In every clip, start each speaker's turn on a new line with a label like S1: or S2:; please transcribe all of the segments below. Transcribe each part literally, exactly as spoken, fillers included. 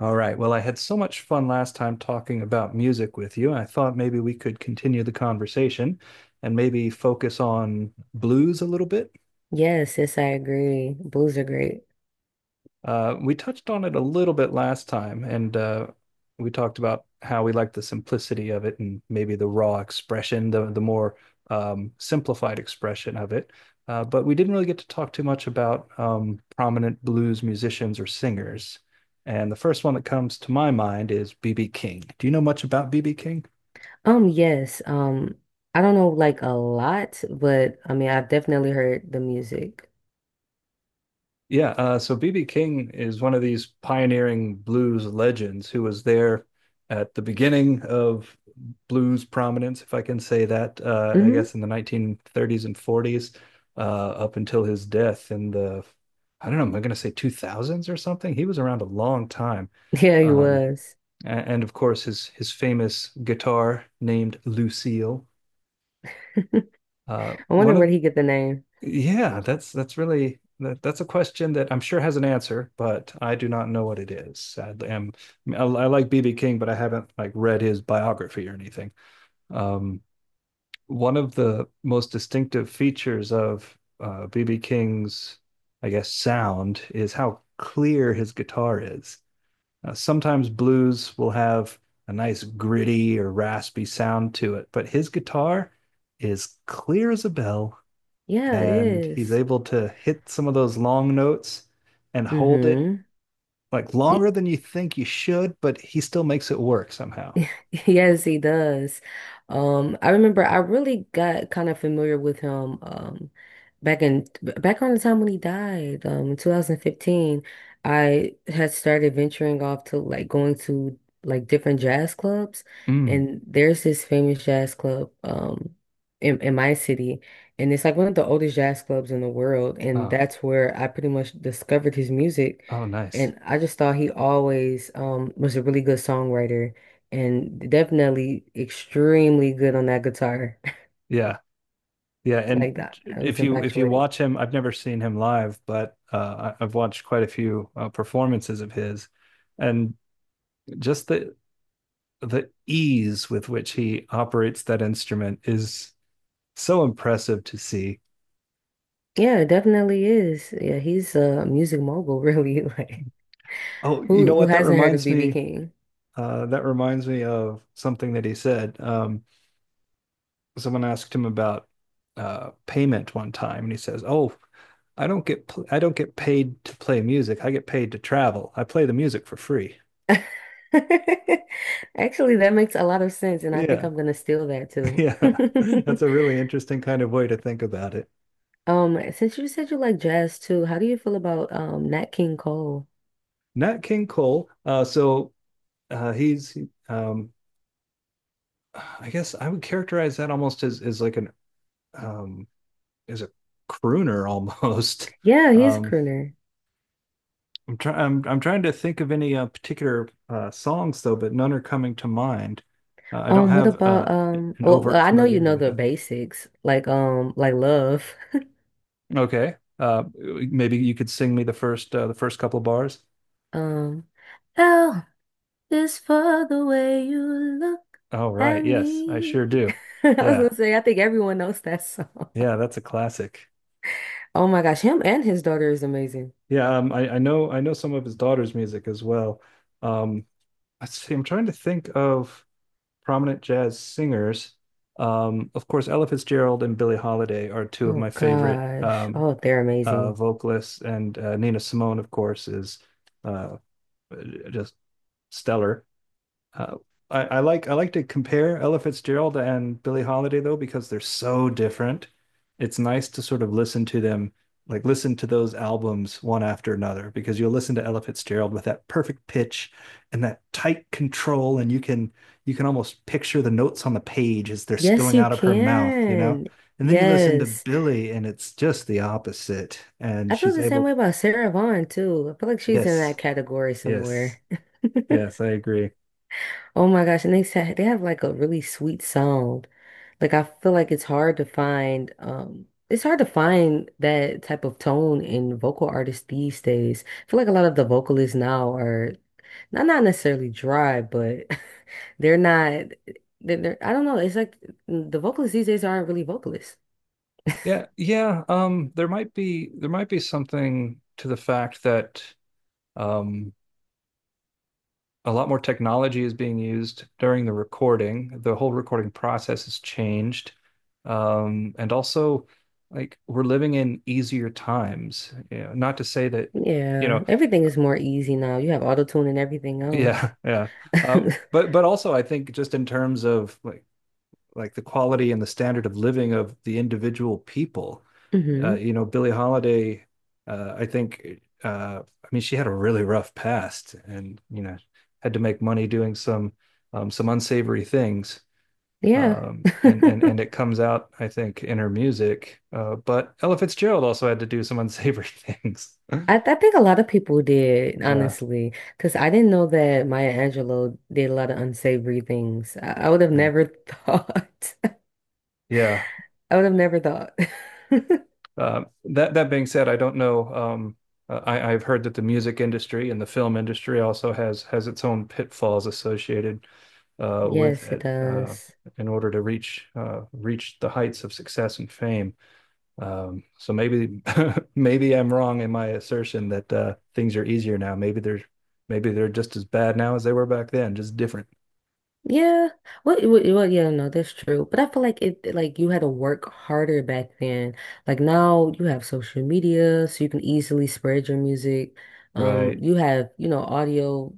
S1: All right. Well, I had so much fun last time talking about music with you, and I thought maybe we could continue the conversation and maybe focus on blues a little bit.
S2: Yes, yes, I agree. Blues are great.
S1: Uh, we touched on it a little bit last time, and uh, we talked about how we like the simplicity of it and maybe the raw expression, the the more um, simplified expression of it. Uh, but we didn't really get to talk too much about um, prominent blues musicians or singers. And the first one that comes to my mind is B B. King. Do you know much about B B. King?
S2: Um, yes, um, I don't know like a lot, but I mean, I've definitely heard the music.
S1: Yeah, uh, so B B. King is one of these pioneering blues legends who was there at the beginning of blues prominence, if I can say that, uh, I
S2: Mm-hmm.
S1: guess in the nineteen thirties and forties, uh, up until his death in the, I don't know, am I going to say two thousands or something? He was around a long time.
S2: Yeah, he
S1: Um,
S2: was.
S1: a- and, of course, his his famous guitar named Lucille. Uh,
S2: I
S1: one
S2: wonder where
S1: of
S2: he get the name.
S1: Yeah, that's that's really that, that's a question that I'm sure has an answer, but I do not know what it is. Sadly, I'm, I, I like B B. King, but I haven't like read his biography or anything. Um, One of the most distinctive features of uh, B B. King's, I guess, sound is how clear his guitar is. Uh, sometimes blues will have a nice gritty or raspy sound to it, but his guitar is clear as a bell,
S2: Yeah, it
S1: and he's
S2: is.
S1: able to hit some of those long notes and hold it
S2: Mm-hmm.
S1: like longer than you think you should, but he still makes it work somehow.
S2: Yes, he does. Um, I remember I really got kind of familiar with him um back in back around the time when he died, um in two thousand fifteen. I had started venturing off to like going to like different jazz clubs
S1: Mm.
S2: and there's this famous jazz club um in, in my city and it's like one of the oldest jazz clubs in the world and
S1: Oh,
S2: that's where I pretty much discovered his music
S1: oh, nice.
S2: and I just thought he always um was a really good songwriter and definitely extremely good on that guitar.
S1: Yeah. Yeah, and
S2: Like that, it was
S1: if you if you
S2: infatuating.
S1: watch him, I've never seen him live, but uh, I- have watched quite a few uh, performances of his, and just the the ease with which he operates that instrument is so impressive to see.
S2: Yeah, it definitely is. Yeah, he's a music mogul, really. Like,
S1: Oh, you know
S2: who who
S1: what? That
S2: hasn't heard of
S1: reminds
S2: B B
S1: me.
S2: King?
S1: Uh, that reminds me of something that he said. Um, someone asked him about uh, payment one time, and he says, "Oh, I don't get pl- I don't get paid to play music. I get paid to travel. I play the music for free."
S2: Actually, that makes a lot of sense, and I think
S1: Yeah,
S2: I'm gonna steal that too.
S1: yeah, that's a really interesting kind of way to think about it.
S2: Um, since you said you like jazz too, how do you feel about um Nat King Cole?
S1: Nat King Cole. Uh, so uh, he's, um, I guess I would characterize that almost as as like an um, as a crooner almost.
S2: Yeah, he's a
S1: Um,
S2: crooner.
S1: I'm trying. I'm I'm trying to think of any uh, particular uh, songs though, but none are coming to mind. Uh, I don't
S2: Um, what
S1: have uh,
S2: about um?
S1: an
S2: Well,
S1: overt
S2: well, I know you
S1: familiarity
S2: know
S1: with
S2: the
S1: them.
S2: basics, like um, like Love.
S1: Okay. Uh, maybe you could sing me the first uh, the first couple bars.
S2: Um, L is for the way you look
S1: Oh,
S2: at
S1: right. Yes, I
S2: me.
S1: sure do.
S2: I was
S1: Yeah.
S2: gonna say, I think everyone knows that song.
S1: Yeah, that's a classic.
S2: Oh my gosh, him and his daughter is amazing.
S1: Yeah, um, I, I know I know some of his daughter's music as well. Um, let's see, I'm trying to think of prominent jazz singers. Um, of course, Ella Fitzgerald and Billie Holiday are two of
S2: Oh
S1: my favorite
S2: gosh.
S1: um,
S2: Oh, they're
S1: uh,
S2: amazing.
S1: vocalists, and uh, Nina Simone, of course, is uh, just stellar. Uh, I, I like I like to compare Ella Fitzgerald and Billie Holiday though because they're so different. It's nice to sort of listen to them, like listen to those albums one after another, because you'll listen to Ella Fitzgerald with that perfect pitch and that tight control, and you can you can almost picture the notes on the page as they're
S2: Yes,
S1: spilling
S2: you
S1: out of her mouth, you know?
S2: can.
S1: And then you listen to
S2: Yes.
S1: Billie and it's just the opposite. And
S2: I feel
S1: she's
S2: the same
S1: able,
S2: way about Sarah Vaughan too. I feel like she's in
S1: yes,
S2: that category
S1: yes,
S2: somewhere.
S1: yes, I agree.
S2: Oh my gosh, and they sa they have like a really sweet sound. Like I feel like it's hard to find um it's hard to find that type of tone in vocal artists these days. I feel like a lot of the vocalists now are not not necessarily dry, but they're not they're, they're I don't know, it's like the vocalists these days aren't really vocalists.
S1: Yeah, yeah. Um, there might be there might be something to the fact that um, a lot more technology is being used during the recording. The whole recording process has changed, um, and also like we're living in easier times. You know, not to say that, you
S2: Yeah,
S1: know,
S2: everything is more easy now. You have auto tune and everything
S1: yeah,
S2: else.
S1: yeah. Um, but but also I think just in terms of like like the quality and the standard of living of the individual people. Uh,
S2: Hmm.
S1: you know, Billie Holiday, uh, I think, uh, I mean, she had a really rough past, and you know, had to make money doing some um, some unsavory things.
S2: Yeah.
S1: Um, and and and it comes out, I think, in her music. Uh, but Ella Fitzgerald also had to do some unsavory things.
S2: I, I think a lot of people did,
S1: Yeah,
S2: honestly, because I didn't know that Maya Angelou did a lot of unsavory things. I, I would have
S1: yeah,
S2: never thought.
S1: yeah.
S2: I would have never thought.
S1: Uh, that that being said, I don't know. Um, uh, I, I've heard that the music industry and the film industry also has has its own pitfalls associated uh, with
S2: Yes, it
S1: it uh,
S2: does.
S1: in order to reach uh, reach the heights of success and fame. Um, so maybe maybe I'm wrong in my assertion that uh, things are easier now. Maybe they're maybe they're just as bad now as they were back then, just different.
S2: Yeah. What, what, well, yeah, no, that's true. But I feel like it, like you had to work harder back then. Like now you have social media, so you can easily spread your music. Um,
S1: Right.
S2: you have, you know, audio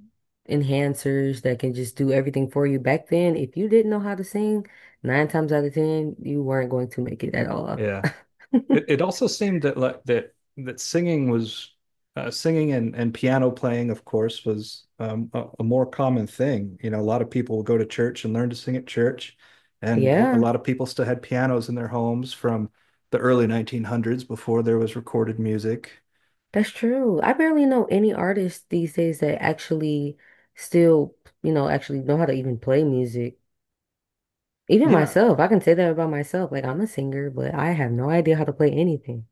S2: enhancers that can just do everything for you. Back then, if you didn't know how to sing, nine times out of ten, you weren't going to make it at all.
S1: Yeah. It it also seemed that like that that singing was uh, singing and and piano playing, of course, was um, a, a more common thing. You know, a lot of people will go to church and learn to sing at church, and a, a
S2: Yeah,
S1: lot of people still had pianos in their homes from the early nineteen hundreds before there was recorded music.
S2: that's true. I barely know any artists these days that actually still, you know, actually know how to even play music. Even
S1: Yeah.
S2: myself, I can say that about myself. Like I'm a singer, but I have no idea how to play anything.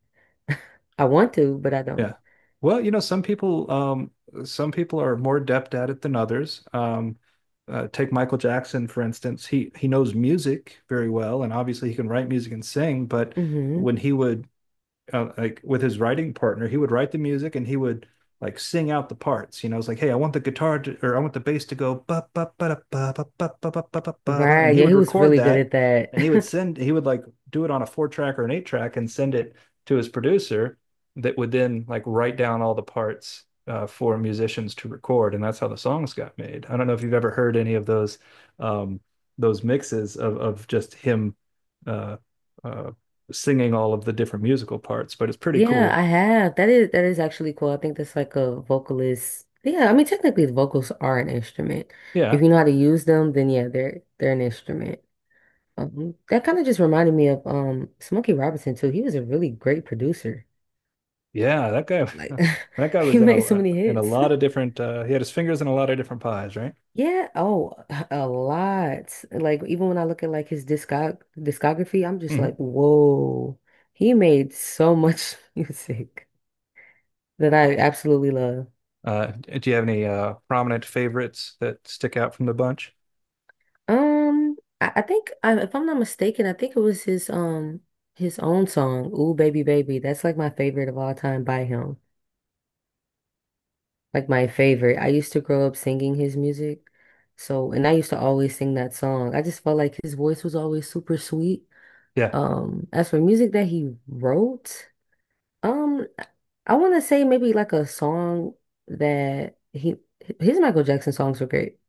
S2: I want to, but I don't.
S1: Yeah. Well, you know, some people um some people are more adept at it than others. Um uh, take Michael Jackson, for instance. He he knows music very well, and obviously he can write music and sing, but
S2: Hmm.
S1: when he would uh, like with his writing partner, he would write the music and he would like sing out the parts. You know, it's like, hey, I want the guitar to, or I want the bass to go ba ba ba ba ba ba ba ba ba ba ba ba,
S2: Right.
S1: and he
S2: Yeah,
S1: would
S2: he was
S1: record
S2: really good
S1: that,
S2: at
S1: and he would
S2: that.
S1: send, he would like do it on a four track or an eight track and send it to his producer that would then like write down all the parts. Uh, for musicians to record, and that's how the songs got made. I don't know if you've ever heard any of those um, those mixes of of just him uh, uh, singing all of the different musical parts, but it's pretty
S2: Yeah,
S1: cool.
S2: I have. That is that is actually cool. I think that's like a vocalist. Yeah, I mean technically the vocals are an instrument. If
S1: Yeah,
S2: you know how to use them, then yeah, they're they're an instrument. Um, that kind of just reminded me of um Smokey Robinson too. He was a really great producer.
S1: yeah, that guy,
S2: Like
S1: that guy
S2: he
S1: was in
S2: made so
S1: a
S2: many
S1: in a
S2: hits.
S1: lot of different. Uh, he had his fingers in a lot of different pies, right?
S2: Yeah, oh, a lot. Like even when I look at like his discog discography, I'm just
S1: Mhm.
S2: like, whoa. He made so much music that I absolutely love.
S1: Uh, do you have any uh, prominent favorites that stick out from the bunch?
S2: Um, I, I think I, if I'm not mistaken, I think it was his um his own song, Ooh Baby Baby. That's like my favorite of all time by him. Like my favorite. I used to grow up singing his music. So, and I used to always sing that song. I just felt like his voice was always super sweet.
S1: Yeah.
S2: Um, as for music that he wrote, um, I want to say maybe like a song that he his Michael Jackson songs were great.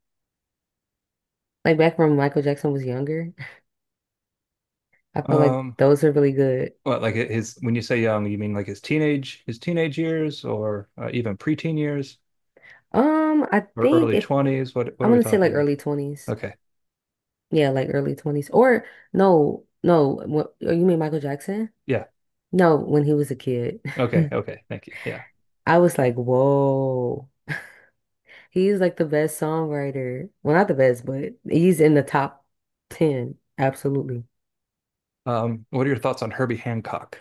S2: Like back when Michael Jackson was younger, I felt like
S1: Um,
S2: those are really good.
S1: what like his when you say young, you mean like his teenage his teenage years, or uh, even preteen years,
S2: Um, I
S1: or
S2: think
S1: early
S2: if
S1: twenties? What
S2: I
S1: what are we
S2: want to say
S1: talking
S2: like
S1: here?
S2: early twenties.
S1: Okay.
S2: Yeah, like early twenties or no, no, what, oh, you mean Michael Jackson?
S1: Yeah.
S2: No, when he was a kid.
S1: Okay. Okay. Thank you. Yeah.
S2: I was like, "Whoa." He's like the best songwriter. Well, not the best, but he's in the top ten. Absolutely.
S1: Um, what are your thoughts on Herbie Hancock?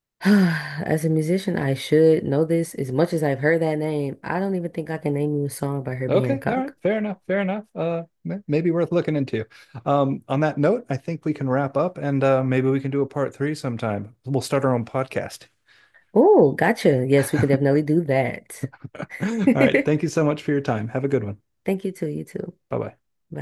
S2: As a musician, I should know this. As much as I've heard that name, I don't even think I can name you a song by Herbie
S1: Okay, all right,
S2: Hancock.
S1: fair enough, fair enough. Uh, may- maybe worth looking into. Um, on that note, I think we can wrap up, and uh, maybe we can do a part three sometime. We'll start our own podcast.
S2: Oh, gotcha. Yes, we can definitely do that.
S1: All right,
S2: Thank
S1: thank you so much for your time. Have a good one.
S2: you too. You too.
S1: Bye bye.
S2: Bye.